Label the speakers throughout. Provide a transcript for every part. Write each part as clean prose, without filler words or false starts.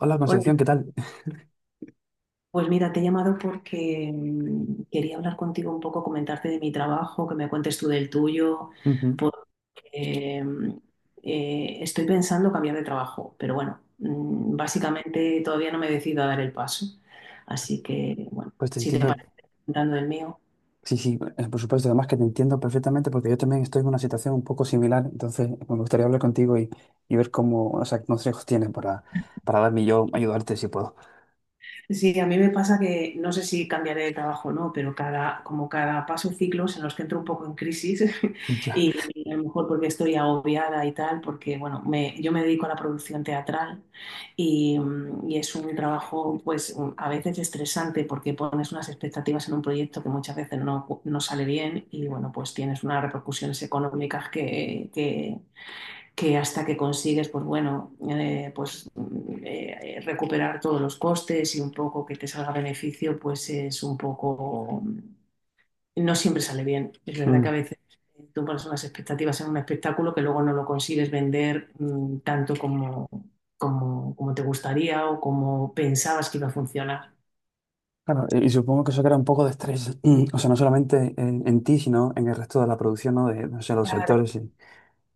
Speaker 1: Hola
Speaker 2: Hola,
Speaker 1: Concepción, ¿qué tal?
Speaker 2: pues mira, te he llamado porque quería hablar contigo un poco, comentarte de mi trabajo, que me cuentes tú del tuyo,
Speaker 1: Ujú.
Speaker 2: porque estoy pensando cambiar de trabajo, pero bueno, básicamente todavía no me decido a dar el paso. Así que, bueno,
Speaker 1: Pues te
Speaker 2: si te
Speaker 1: entiendo,
Speaker 2: parece, comentando del mío.
Speaker 1: sí, sí, por supuesto, además que te entiendo perfectamente porque yo también estoy en una situación un poco similar, entonces pues, me gustaría hablar contigo y ver cómo, o sea, qué consejos tienes para darme y yo, ayudarte si puedo.
Speaker 2: Sí, a mí me pasa que no sé si cambiaré de trabajo o no, pero como cada paso ciclos en los que entro un poco en crisis
Speaker 1: Ya.
Speaker 2: y a lo mejor porque estoy agobiada y tal, porque bueno, yo me dedico a la producción teatral y es un trabajo pues a veces estresante porque pones unas expectativas en un proyecto que muchas veces no sale bien y bueno, pues tienes unas repercusiones económicas que hasta que consigues, pues bueno, pues recuperar todos los costes y un poco que te salga beneficio, pues es un poco, no siempre sale bien. Es verdad que a
Speaker 1: Mm.
Speaker 2: veces tú pones unas expectativas en un espectáculo que luego no lo consigues vender tanto como te gustaría o como pensabas que iba a funcionar.
Speaker 1: Claro, y supongo que eso crea un poco de estrés, o sea, no solamente en ti, sino en el resto de la producción, ¿no? De, no sé, los
Speaker 2: Claro.
Speaker 1: actores y...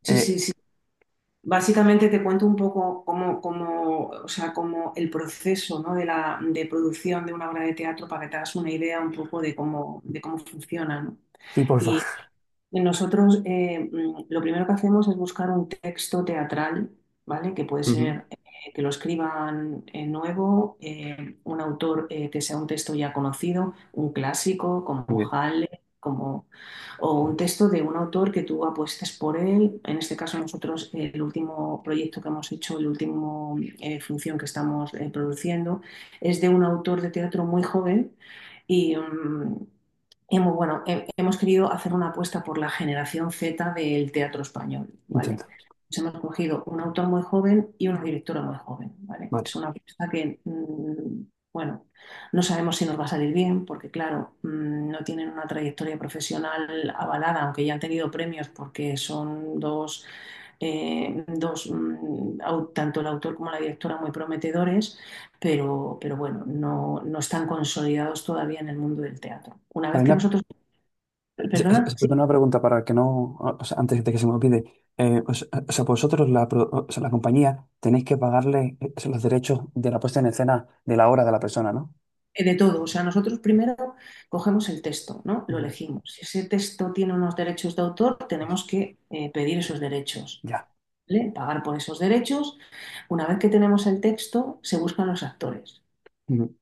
Speaker 2: Sí, sí,
Speaker 1: Eh,
Speaker 2: sí. Básicamente te cuento un poco cómo, o sea, cómo el proceso, ¿no? de de producción de una obra de teatro para que te hagas una idea un poco de cómo funciona, ¿no?
Speaker 1: sí, porfa.
Speaker 2: Nosotros lo primero que hacemos es buscar un texto teatral, ¿vale? Que puede
Speaker 1: Ujú.
Speaker 2: ser que lo escriban nuevo, un autor que sea un texto ya conocido, un clásico
Speaker 1: Muy
Speaker 2: como
Speaker 1: bien,
Speaker 2: Halle, o un texto de un autor que tú apuestes por él. En este caso nosotros el último proyecto que hemos hecho, el último función que estamos produciendo, es de un autor de teatro muy joven. Y, hemos, bueno, hemos querido hacer una apuesta por la generación Z del teatro español, ¿vale?
Speaker 1: entiendo.
Speaker 2: Nos hemos cogido un autor muy joven y una directora muy joven, ¿vale?
Speaker 1: Vale.
Speaker 2: Es una apuesta que, bueno, no sabemos si nos va a salir bien, porque claro, no tienen una trayectoria profesional avalada, aunque ya han tenido premios porque son dos, tanto el autor como la directora muy prometedores pero, bueno, no están consolidados todavía en el mundo del teatro. Una vez que
Speaker 1: Carolina,
Speaker 2: nosotros,
Speaker 1: sí, sí,
Speaker 2: perdona,
Speaker 1: sí,
Speaker 2: sí,
Speaker 1: una pregunta para que no, o sea, antes de que se me olvide. O sea, vosotros, la, o sea, la compañía, tenéis que pagarle los derechos de la puesta en escena de la obra de la persona, ¿no?
Speaker 2: de todo, o sea, nosotros primero cogemos el texto, ¿no? Lo
Speaker 1: Ujú.
Speaker 2: elegimos. Si ese texto tiene unos derechos de autor, tenemos que pedir esos derechos,
Speaker 1: Ya.
Speaker 2: ¿vale? Pagar por esos derechos. Una vez que tenemos el texto, se buscan los actores.
Speaker 1: Ujú.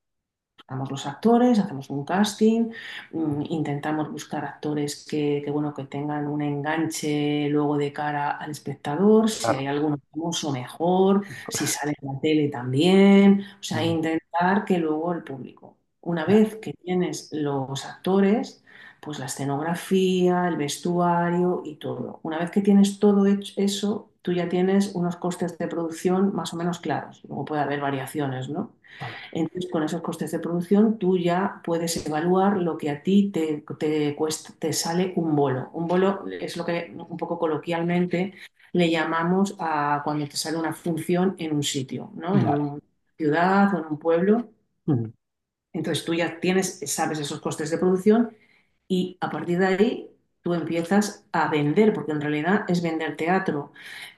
Speaker 2: Buscamos los actores, hacemos un casting, intentamos buscar actores que, bueno, que tengan un enganche luego de cara al espectador, si
Speaker 1: Claro.
Speaker 2: hay alguno famoso mejor, si sale en la tele también, o sea,
Speaker 1: Muy bien.
Speaker 2: intentar que luego el público. Una
Speaker 1: Ya,
Speaker 2: vez que tienes los actores, pues la escenografía, el vestuario y todo. Una vez que tienes todo hecho eso, tú ya tienes unos costes de producción más o menos claros. Luego puede haber variaciones, ¿no?
Speaker 1: vale,
Speaker 2: Entonces, con esos costes de producción, tú ya puedes evaluar lo que a ti te cuesta, te sale un bolo. Un bolo es lo que un poco coloquialmente le llamamos a cuando te sale una función en un sitio, ¿no? En
Speaker 1: vale.
Speaker 2: una ciudad o en un pueblo.
Speaker 1: Ujú.
Speaker 2: Entonces, tú ya tienes, sabes esos costes de producción y a partir de ahí tú empiezas a vender, porque en realidad es vender teatro,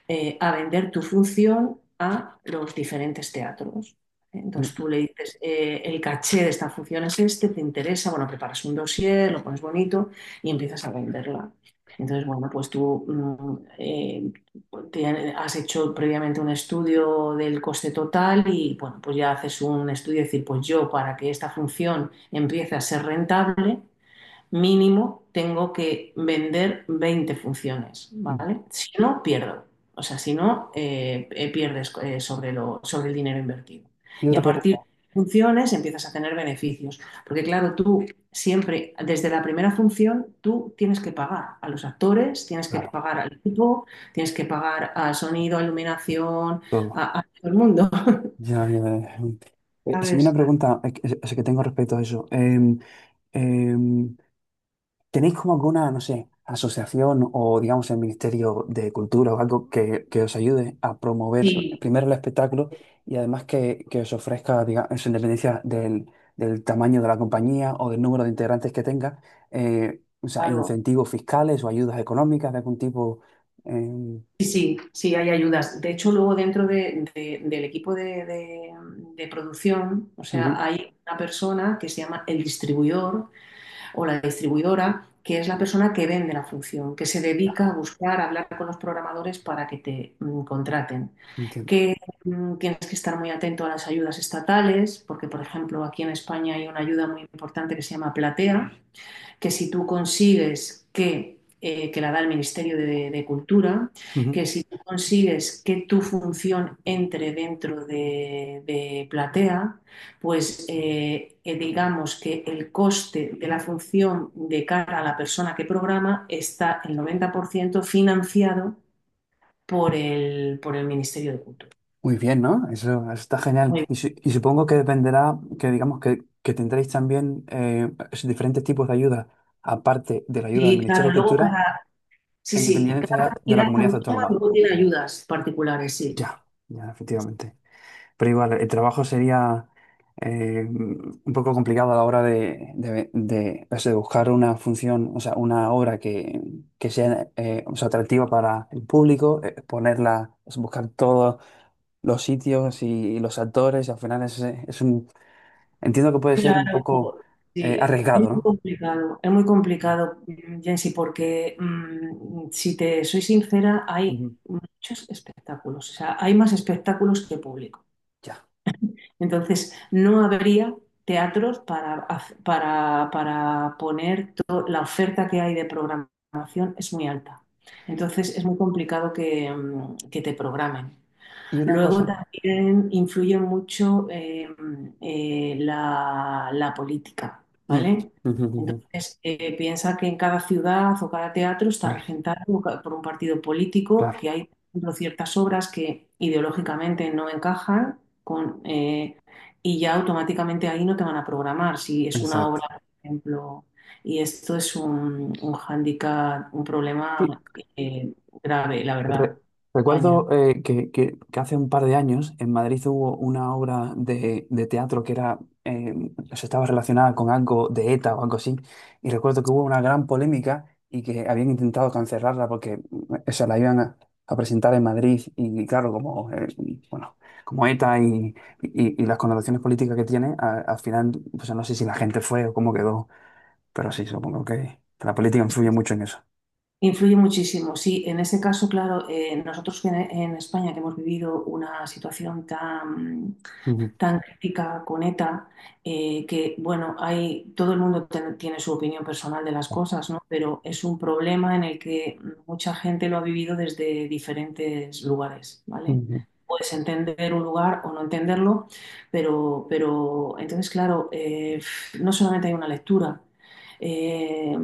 Speaker 2: a vender tu función a los diferentes teatros. Entonces
Speaker 1: Ujú.
Speaker 2: tú le dices, el caché de esta función es este, te interesa, bueno, preparas un dossier, lo pones bonito y empiezas a venderla. Entonces, bueno, pues tú te- has hecho previamente un estudio del coste total y, bueno, pues ya haces un estudio de decir, pues yo para que esta función empiece a ser rentable, mínimo tengo que vender 20 funciones,
Speaker 1: Ujú.
Speaker 2: ¿vale? Si no, pierdo. O sea, si no, pierdes sobre sobre el dinero invertido.
Speaker 1: Y
Speaker 2: Y a
Speaker 1: otra
Speaker 2: partir
Speaker 1: pregunta,
Speaker 2: de funciones empiezas a tener beneficios. Porque claro, tú siempre, desde la primera función, tú tienes que pagar a los actores, tienes que
Speaker 1: claro,
Speaker 2: pagar al equipo, tienes que pagar al sonido, a iluminación,
Speaker 1: todo.
Speaker 2: a todo el mundo.
Speaker 1: Ya, ya, ya. Sí, una
Speaker 2: ¿Sabes?
Speaker 1: pregunta que tengo respecto a eso. Eh, ¿Tenéis como alguna, no sé, asociación o digamos el Ministerio de Cultura o algo que os ayude a promover
Speaker 2: Sí,
Speaker 1: primero el espectáculo y además que os ofrezca, digamos, en dependencia del, del tamaño de la compañía o del número de integrantes que tenga, o sea,
Speaker 2: claro.
Speaker 1: incentivos fiscales o ayudas económicas de algún tipo? eh,
Speaker 2: Sí, sí, sí, hay ayudas. De hecho, luego dentro del equipo de producción, o sea,
Speaker 1: ujú,
Speaker 2: hay una persona que se llama el distribuidor o la distribuidora, que es la persona que vende la función, que se
Speaker 1: ya,
Speaker 2: dedica a buscar, a hablar con los programadores para que te contraten.
Speaker 1: entiendo.
Speaker 2: Que tienes que estar muy atento a las ayudas estatales, porque, por ejemplo, aquí en España hay una ayuda muy importante que se llama Platea. Que si tú consigues que la da el Ministerio de Cultura, que
Speaker 1: Ujú.
Speaker 2: si tú consigues que tu función entre dentro de Platea, pues digamos que el coste de la función de cara a la persona que programa está el 90% financiado por el Ministerio de Cultura.
Speaker 1: Muy bien, ¿no? Eso está genial.
Speaker 2: Muy bien.
Speaker 1: Y, y supongo que dependerá, que digamos que tendréis también esos diferentes tipos de ayuda, aparte de la ayuda del
Speaker 2: Y
Speaker 1: Ministerio
Speaker 2: claro,
Speaker 1: de
Speaker 2: luego
Speaker 1: Cultura,
Speaker 2: cada, sí,
Speaker 1: en
Speaker 2: sí, cada
Speaker 1: dependencia de la
Speaker 2: comunidad
Speaker 1: comunidad
Speaker 2: autónoma
Speaker 1: autónoma.
Speaker 2: luego tiene ayudas particulares, sí.
Speaker 1: Ya, ya, efectivamente. Pero igual, el trabajo sería un poco complicado a la hora de, de, o sea, de buscar una función, o sea, una obra que sea, o sea, atractiva para el público, ponerla, o sea, buscar todo los sitios y, los actores, al final es un, entiendo que puede ser un
Speaker 2: Claro,
Speaker 1: poco
Speaker 2: sí,
Speaker 1: arriesgado, ¿no?
Speaker 2: es muy complicado, Jensi, porque si te soy sincera, hay
Speaker 1: Ujú.
Speaker 2: muchos espectáculos, o sea, hay más espectáculos que público.
Speaker 1: Ya.
Speaker 2: Entonces, no habría teatros para poner la oferta que hay de programación es muy alta. Entonces, es muy complicado que te programen.
Speaker 1: Y una
Speaker 2: Luego
Speaker 1: cosa.
Speaker 2: también influye mucho la política,
Speaker 1: Mm.
Speaker 2: ¿vale?
Speaker 1: Ujú, ujú, ujú.
Speaker 2: Entonces, piensa que en cada ciudad o cada teatro está
Speaker 1: Claro,
Speaker 2: regentado por un partido político,
Speaker 1: claro,
Speaker 2: que hay, por ejemplo, ciertas obras que ideológicamente no encajan con, y ya automáticamente ahí no te van a programar. Si es una obra,
Speaker 1: exacto.
Speaker 2: por ejemplo, y esto es un, hándicap, un
Speaker 1: Sí,
Speaker 2: problema eh, grave, la verdad,
Speaker 1: Re-
Speaker 2: en España.
Speaker 1: recuerdo que hace un par de años en Madrid hubo una obra de teatro que era, eh, o sea, estaba relacionada con algo de ETA o algo así, y recuerdo que hubo una gran polémica y que habían intentado cancelarla porque o sea, la iban a presentar en Madrid y claro, como, bueno, como ETA y, y las connotaciones políticas que tiene, al final, pues no sé si la gente fue o cómo quedó, pero sí, supongo que la política influye mucho en eso.
Speaker 2: Influye muchísimo, sí. En ese caso, claro, nosotros que en, España que hemos vivido una situación tan,
Speaker 1: Ujú,
Speaker 2: tan crítica con ETA, que bueno, hay, todo el mundo tiene su opinión personal de las cosas, ¿no? Pero es un problema en el que mucha gente lo ha vivido desde diferentes lugares, ¿vale?
Speaker 1: ujú.
Speaker 2: Puedes entender un lugar o no entenderlo, pero, entonces, claro, no solamente hay una lectura. Eh,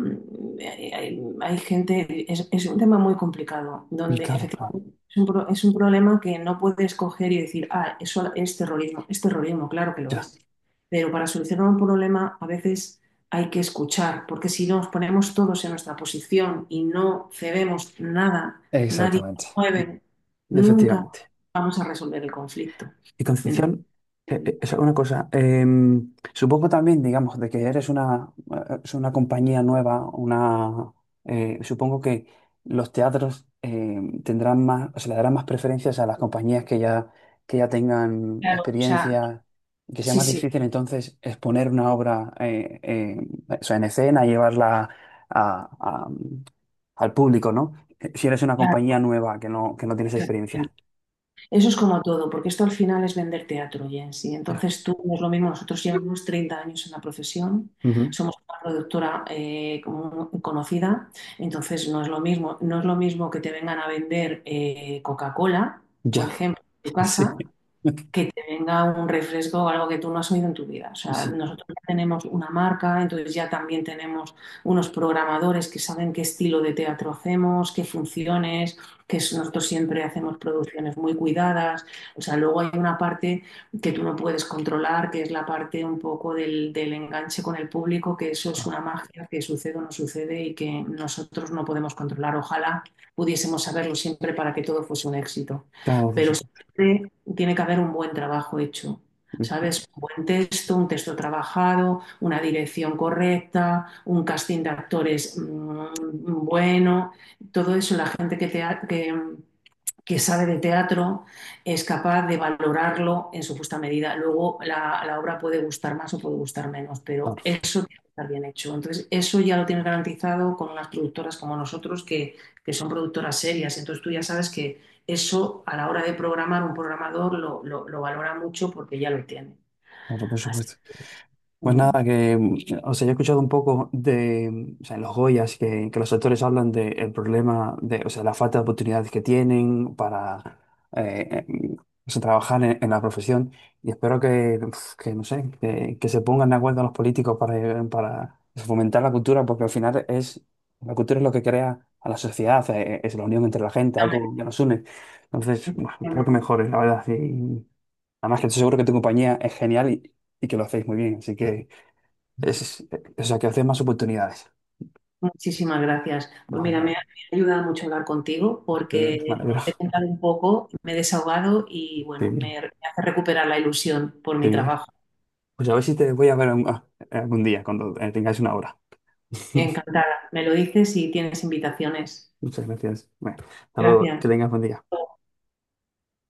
Speaker 2: Hay, gente, es, un tema muy complicado,
Speaker 1: Y
Speaker 2: donde
Speaker 1: claro, claro.
Speaker 2: efectivamente es es un problema que no puedes coger y decir, ah, eso es terrorismo. Es terrorismo, claro que lo
Speaker 1: Ya.
Speaker 2: es. Pero para solucionar un problema a veces hay que escuchar, porque si nos ponemos todos en nuestra posición y no cedemos nada, nadie
Speaker 1: Exactamente.
Speaker 2: nos mueve, nunca
Speaker 1: Efectivamente.
Speaker 2: vamos a resolver el conflicto.
Speaker 1: Y
Speaker 2: Entonces,
Speaker 1: Concepción, es una cosa, supongo también, digamos, de que eres una, es una compañía nueva, una, supongo que los teatros tendrán más, o se le darán más preferencias a las compañías que ya tengan
Speaker 2: claro, o sea,
Speaker 1: experiencia y que sea
Speaker 2: sí,
Speaker 1: más
Speaker 2: sí,
Speaker 1: difícil entonces exponer una obra o sea, en escena y llevarla a- a- al público, ¿no? Si eres una compañía nueva que no tienes
Speaker 2: claro.
Speaker 1: experiencia.
Speaker 2: Eso es como todo, porque esto al final es vender teatro, Jensi.
Speaker 1: Ya.
Speaker 2: Entonces tú, no es lo mismo, nosotros llevamos 30 años en la profesión,
Speaker 1: Ujú.
Speaker 2: somos una productora conocida, entonces no es lo mismo, no es lo mismo que te vengan a vender Coca-Cola, por
Speaker 1: Ya.
Speaker 2: ejemplo, en tu
Speaker 1: Sí.
Speaker 2: casa, que te venga un refresco o algo que tú no has oído en tu vida. O sea,
Speaker 1: Sí.
Speaker 2: nosotros ya tenemos una marca, entonces ya también tenemos unos programadores que saben qué estilo de teatro hacemos, qué funciones, nosotros siempre hacemos producciones muy cuidadas. O sea, luego hay una parte que tú no puedes controlar, que es la parte un poco del enganche con el público, que eso es
Speaker 1: Ah.
Speaker 2: una magia que sucede o no sucede y que nosotros no podemos controlar. Ojalá pudiésemos saberlo siempre para que todo fuese un éxito.
Speaker 1: Claro, por
Speaker 2: Pero
Speaker 1: supuesto.
Speaker 2: siempre tiene que haber un buen trabajo hecho, ¿sabes? Un buen texto, un texto trabajado, una dirección correcta, un casting de actores bueno, todo eso la gente que sabe de teatro es capaz de valorarlo en su justa medida. Luego la obra puede gustar más o puede gustar menos, pero
Speaker 1: Claro,
Speaker 2: eso tiene que estar bien hecho. Entonces, eso ya lo tienes garantizado con unas productoras como nosotros que son productoras serias. Entonces, tú ya sabes que eso a la hora de programar un programador lo valora mucho porque ya lo tiene.
Speaker 1: claro, por
Speaker 2: Así.
Speaker 1: supuesto. Pues
Speaker 2: Ujú.
Speaker 1: nada, que, o sea, yo he escuchado un poco de, o sea, en los Goyas que los actores hablan del problema de, o sea, la falta de oportunidades que tienen para eh, eh, o sea, trabajar en la profesión y espero que, uf, que no sé, que se pongan de acuerdo los políticos para fomentar la cultura, porque al final es, la cultura es lo que crea a la sociedad, es la unión entre la gente, algo que nos une. Entonces, bueno, espero que mejore, la verdad. Y, además que estoy seguro que tu compañía es genial y que lo hacéis muy bien, así que... Es, o sea, que haces más oportunidades.
Speaker 2: Muchísimas gracias. Pues
Speaker 1: No, no,
Speaker 2: mira,
Speaker 1: no.
Speaker 2: me ha ayudado mucho hablar contigo
Speaker 1: Qué bien, me
Speaker 2: porque
Speaker 1: alegro.
Speaker 2: bueno, te he contado un poco, me he desahogado y
Speaker 1: Qué
Speaker 2: bueno,
Speaker 1: bien,
Speaker 2: me hace recuperar la ilusión por
Speaker 1: qué
Speaker 2: mi
Speaker 1: bien.
Speaker 2: trabajo.
Speaker 1: Pues a ver si te voy a ver ah, algún día, cuando tengáis una hora.
Speaker 2: Encantada. Me lo dices y tienes invitaciones.
Speaker 1: Muchas gracias. Bueno, hasta luego,
Speaker 2: Gracias.
Speaker 1: que tengas buen día.